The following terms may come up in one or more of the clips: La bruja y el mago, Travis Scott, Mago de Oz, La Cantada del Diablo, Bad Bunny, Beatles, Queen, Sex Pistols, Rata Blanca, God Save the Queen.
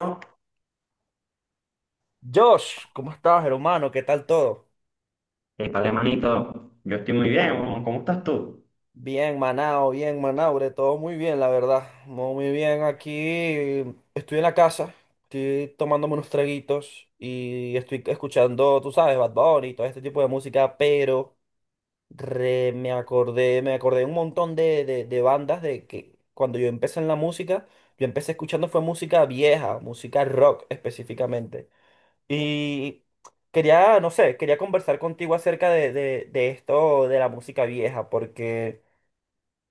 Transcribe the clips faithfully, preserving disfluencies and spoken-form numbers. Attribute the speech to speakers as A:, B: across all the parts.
A: Hey,
B: Josh, ¿cómo estás, hermano? ¿Qué tal todo?
A: vale, manito, yo estoy muy bien, ¿no? ¿Cómo estás tú?
B: Bien, Manao, bien, Manaure, todo muy bien, la verdad. Muy muy bien, aquí estoy en la casa, estoy tomándome unos traguitos y estoy escuchando, tú sabes, Bad Bunny y todo este tipo de música, pero re- me acordé, me acordé de un montón de, de, de bandas de que cuando yo empecé en la música, yo empecé escuchando fue música vieja, música rock específicamente. Y quería, no sé, quería conversar contigo acerca de, de- de esto de la música vieja, porque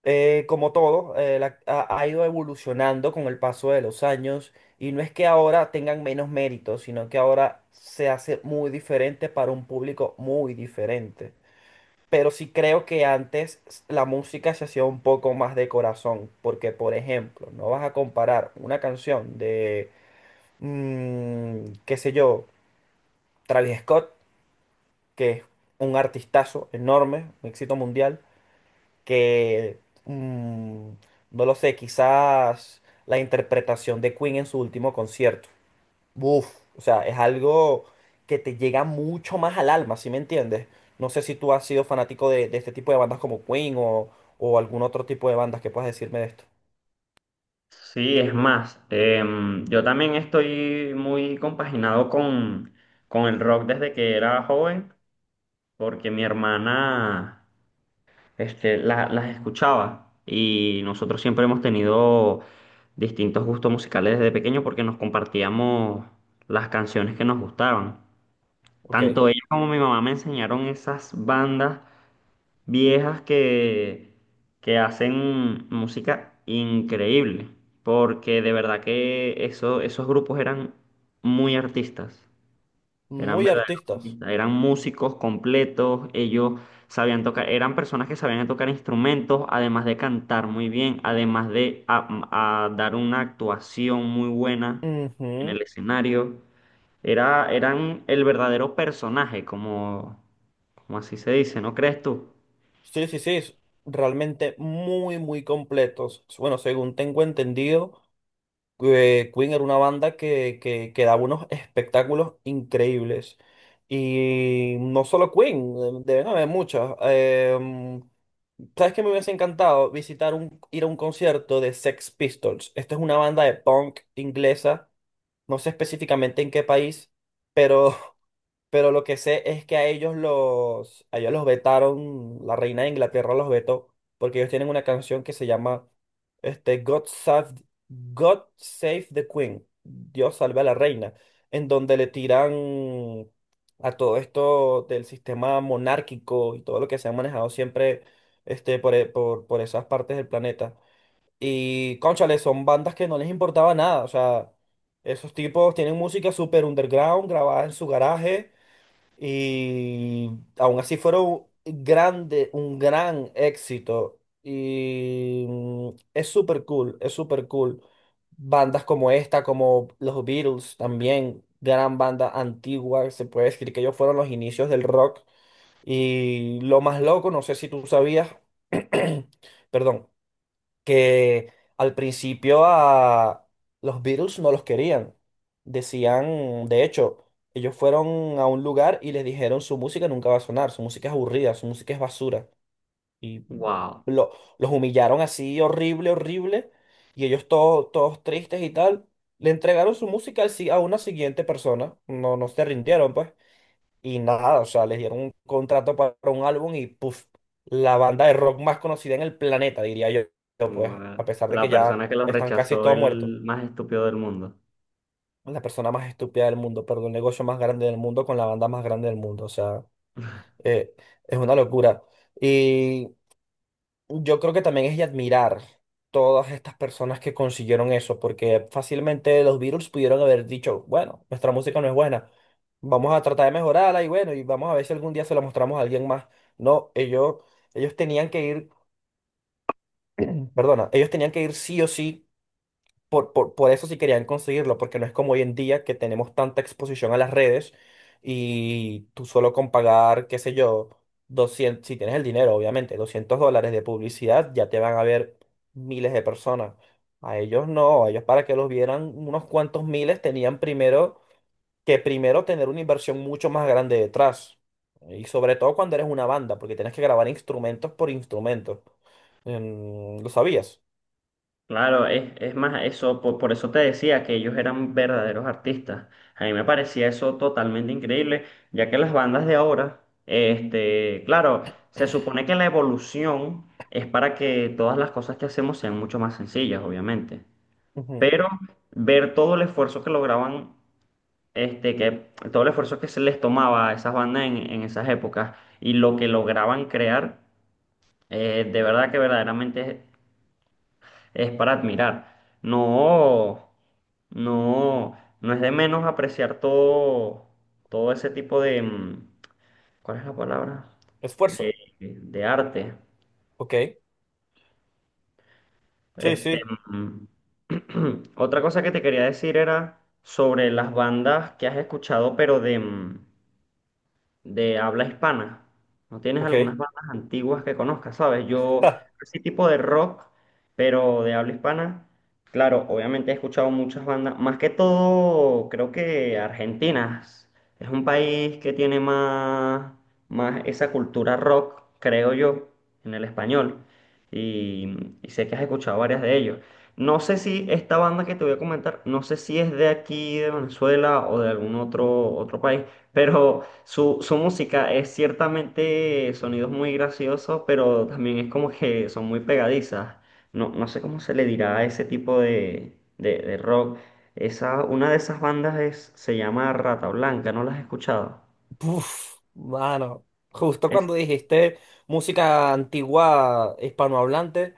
B: eh, como todo, eh, la- ha, ha ido evolucionando con el paso de los años y no es que ahora tengan menos méritos, sino que ahora se hace muy diferente para un público muy diferente. Pero sí creo que antes s- la música se hacía un poco más de corazón, porque por ejemplo, no vas a comparar una canción de, mm, qué sé yo, Travis Scott que es un artistazo enorme, un éxito mundial, que, mm, no lo sé, quizás la interpretación de Queen en su último concierto. Uf, o sea, es algo que te llega mucho más al alma, ¿sí me entiendes? No sé si tú has sido fanático de, de este tipo de bandas como Queen o, o algún otro tipo de bandas que puedas decirme de esto.
A: Sí, es más, em, yo también estoy muy compaginado con, con el rock desde que era joven, porque mi hermana este, la- las escuchaba y nosotros siempre hemos tenido distintos gustos musicales desde pequeño porque nos compartíamos las canciones que nos gustaban.
B: Ok.
A: Tanto ella como mi mamá me enseñaron esas bandas viejas que, que hacen música increíble, porque de verdad que eso- esos grupos eran muy artistas, eran
B: Muy
A: verdaderos
B: artistas.
A: artistas, eran músicos completos. Ellos sabían tocar, eran personas que sabían tocar instrumentos, además de cantar muy bien, además de a- a dar una actuación muy buena en
B: Ujú.
A: el escenario. Era, eran el verdadero personaje, como, como así se dice, ¿no crees tú?
B: Sí, sí, sí. es Realmente muy, muy completos. Bueno, según tengo entendido, que Queen era una banda que, que, que daba unos espectáculos increíbles. Y no solo Queen, eh, deben haber muchas. Eh, ¿sabes qué me hubiese encantado? Visitar un, ir a un concierto de Sex Pistols. Esta es una banda de punk inglesa, no sé específicamente en qué país, pero pero lo que sé es que a ellos los, a ellos los vetaron, la reina de Inglaterra los vetó, porque ellos tienen una canción que se llama este, God Save, God Save the Queen, Dios salve a la reina, en donde le tiran a todo esto del sistema monárquico y todo lo que se ha manejado siempre este, por, e- por, por esas partes del planeta. Y, cónchale, son bandas que no les importaba nada, o sea, esos tipos tienen música super underground, grabada en su garaje y aún así fueron grande, un gran éxito. Y mm, es súper cool, es súper cool. Bandas como esta, como los Beatles también, gran banda antigua, se puede decir que ellos fueron los inicios del rock. Y lo más loco, no sé si tú sabías, perdón, que al principio a los Beatles no los querían. Decían, de hecho, ellos fueron a un lugar y les dijeron su música nunca va a sonar, su música es aburrida, su música es basura. Y
A: Wow.
B: lo- los humillaron así horrible, horrible, y ellos todos, todos tristes y tal. Le entregaron su música al si- a una siguiente persona, no, no se rindieron, pues. Y nada, o sea, les dieron un contrato para un álbum y puff, la banda de rock más conocida en el planeta, diría yo, yo, pues,
A: Bueno,
B: a pesar de
A: la
B: que ya
A: persona que los
B: están casi
A: rechazó,
B: todos muertos.
A: el más estúpido del mundo.
B: La persona más estúpida del mundo, perdón, el negocio más grande del mundo con la banda más grande del mundo, o sea, eh, es una locura. Y yo creo que también es de admirar todas estas personas que consiguieron eso, porque fácilmente los Beatles pudieron haber dicho, bueno, nuestra música no es buena, vamos a tratar de mejorarla y bueno, y vamos a ver si algún día se la mostramos a alguien más. No, ellos, ellos tenían que ir, perdona, ellos tenían que ir sí o sí por, por, por eso sí querían conseguirlo, porque no es como hoy en día que tenemos tanta exposición a las redes y tú solo con pagar, qué sé yo, doscientos si tienes el dinero, obviamente, doscientos dólares de publicidad, ya te van a ver miles de personas. A ellos no, a ellos para que los vieran unos cuantos miles tenían primero que primero tener una inversión mucho más grande detrás. Y sobre todo cuando eres una banda, porque tienes que grabar instrumentos por instrumentos. Em, ¿lo sabías?
A: Claro, es, es más, eso, por, por eso te decía que ellos eran verdaderos artistas. A mí me parecía eso totalmente increíble, ya que las bandas de ahora, este, claro, se supone que la evolución es para que todas las cosas que hacemos sean mucho más sencillas, obviamente.
B: Ujú.
A: Pero ver todo el esfuerzo que lograban, este, que todo el esfuerzo que se les tomaba a esas bandas en, en esas épocas y lo que lograban crear. Eh, de verdad que verdaderamente es, es para admirar. No, no, no es de menos apreciar todo, todo ese tipo de, mm, ¿cuál es la palabra?
B: Esfuerzo,
A: De, de arte.
B: ¿ok? Sí,
A: Este,
B: sí,
A: mm, otra cosa que te quería decir era sobre las bandas que has escuchado, pero de, mm, de habla hispana. ¿No tienes
B: ok.
A: algunas bandas antiguas que conozcas, sabes? Yo,
B: Ja,
A: ese tipo de rock, pero de habla hispana, claro, obviamente he escuchado muchas bandas, más que todo, creo que argentinas. Es un país que tiene más, más esa cultura rock, creo yo, en el español. Y, y sé que has escuchado varias de ellos. No sé si esta banda que te voy a comentar, no sé si es de aquí, de Venezuela o de algún otro, otro país, pero su, su música es ciertamente sonidos muy graciosos, pero también es como que son muy pegadizas. No, no sé cómo se le dirá a ese tipo de, de, de rock. Esa, una de esas bandas es, se llama Rata Blanca, ¿no las has escuchado?
B: puf, mano, justo
A: Es
B: cuando dijiste música antigua hispanohablante,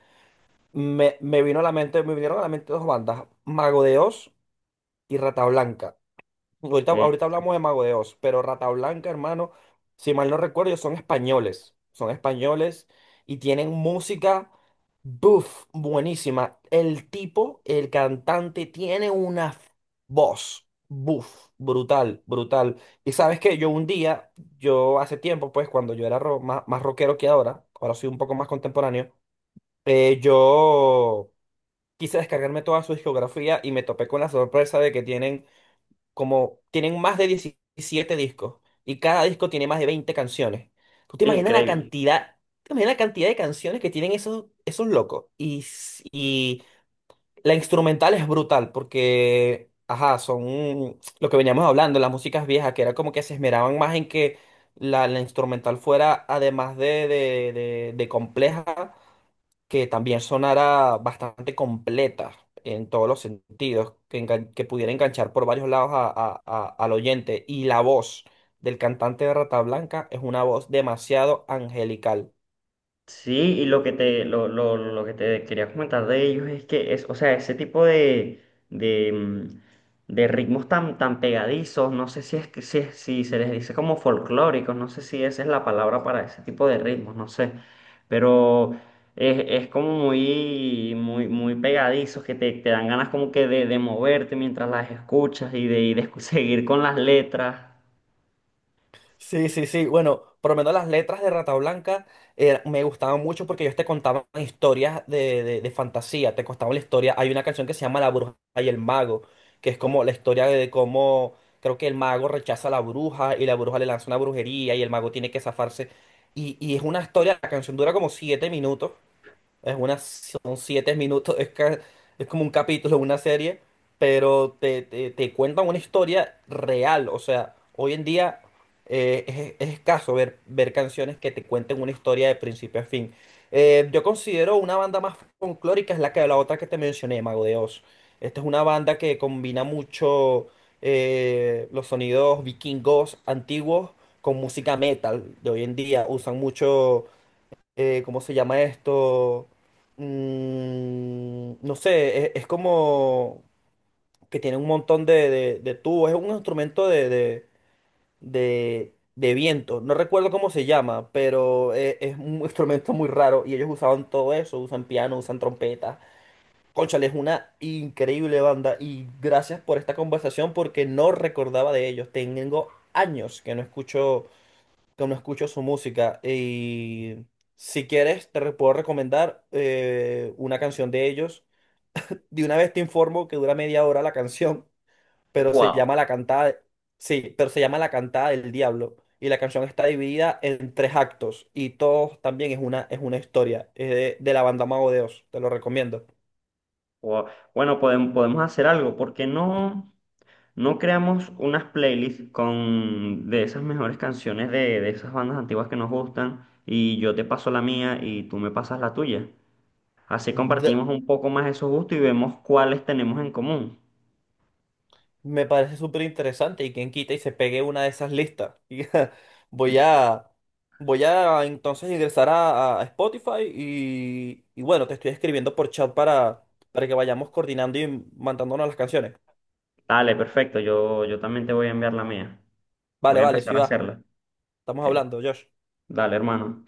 B: me, me vino a la mente, me vinieron a la mente dos bandas, Mago de Oz y Rata Blanca. Ahorita,
A: eh,
B: ahorita hablamos de Mago de Oz, pero Rata Blanca, hermano, si mal no recuerdo, ellos son españoles. Son españoles y tienen música, buf, buenísima. El tipo, el cantante, tiene una voz, buf, brutal, brutal. Y sabes que yo un día, yo hace tiempo, pues cuando yo era ro- más, más rockero que ahora, ahora soy un poco más contemporáneo, eh, yo quise descargarme toda su discografía y me topé con la sorpresa de que tienen como tienen más de diecisiete discos y cada disco tiene más de veinte canciones. ¿Tú te imaginas la
A: increíble.
B: cantidad, te imaginas la cantidad de canciones que tienen esos, esos locos? Y, s- y la instrumental es brutal porque, ajá, son lo que veníamos hablando, las músicas viejas, que era como que se esmeraban más en que la, la instrumental fuera, además de, de, de de compleja, que también sonara bastante completa en todos los sentidos, que, engan- que pudiera enganchar por varios lados a- a- a- al oyente. Y la voz del cantante de Rata Blanca es una voz demasiado angelical.
A: Sí, y lo que te, lo, lo, lo que te quería comentar de ellos es que es, o sea, ese tipo de, de, mm, de ritmos tan, tan pegadizos, no sé si es que si, es- si se les dice como folclóricos, no sé si esa es la palabra para ese tipo de ritmos, no sé. Pero es, es como muy, muy, muy pegadizos que te, te dan ganas como que de, de moverte mientras las escuchas y de, y de escu- seguir con las letras.
B: Sí, sí, sí. Bueno, por lo menos las letras de Rata Blanca eh, me gustaban mucho porque ellos te contaban historias de, de- de fantasía, te contaban la historia. Hay una canción que se llama La bruja y el mago, que es como la historia de cómo creo que el mago rechaza a la bruja y la bruja le lanza una brujería y el mago tiene que zafarse. Y, y es una historia, la canción dura como siete minutos, es una, son siete minutos, es, ca- es como un capítulo de una serie, pero te, te, te cuentan una historia real. O sea, hoy en día eh, es, es escaso ver, ver canciones que te cuenten una historia de principio a fin. Eh, yo considero una banda más folclórica es la que la otra que te mencioné, Mago de Oz. Esta es una banda que combina mucho eh, los sonidos vikingos antiguos con música metal de hoy en día. Usan mucho eh, ¿cómo se llama esto? Mm, no sé, es, es como que tiene un montón de, de, de tubos, es un instrumento de, de, de, de viento, no recuerdo cómo se llama, pero e- es, un instrumento muy raro y ellos usaban todo eso, usan piano, usan trompetas. Cónchale, es una increíble banda y gracias por esta conversación porque no recordaba de ellos, tengo años que no escucho que no escucho su música. Y si quieres, te re- puedo recomendar eh, una canción de ellos. De una vez te informo que dura media hora la canción, pero se
A: Wow.
B: llama La Cantada. de- Sí, pero se llama La Cantada del Diablo. Y la canción está dividida en tres actos. Y todos también es una, es una historia. Es de, de la banda Mago de Oz. Te lo recomiendo.
A: Bueno, podemos, podemos hacer algo, ¿por qué no? No creamos unas playlists con de esas mejores canciones de, de esas bandas antiguas que nos gustan y yo te paso la mía y tú me pasas la tuya. Así compartimos un poco más esos gustos y vemos cuáles tenemos en común.
B: Me parece súper interesante y quien quita y se pegue una de esas listas. Y ja, voy a, voy a entonces ingresar a, a Spotify y, y bueno, te estoy escribiendo por chat para, para que vayamos coordinando y mandándonos las canciones.
A: Dale, perfecto. Yo, yo también te voy a enviar la mía. Voy
B: Vale,
A: a
B: vale, sí
A: empezar a
B: va.
A: hacerla.
B: Estamos
A: Ok.
B: hablando, Josh.
A: Dale, hermano.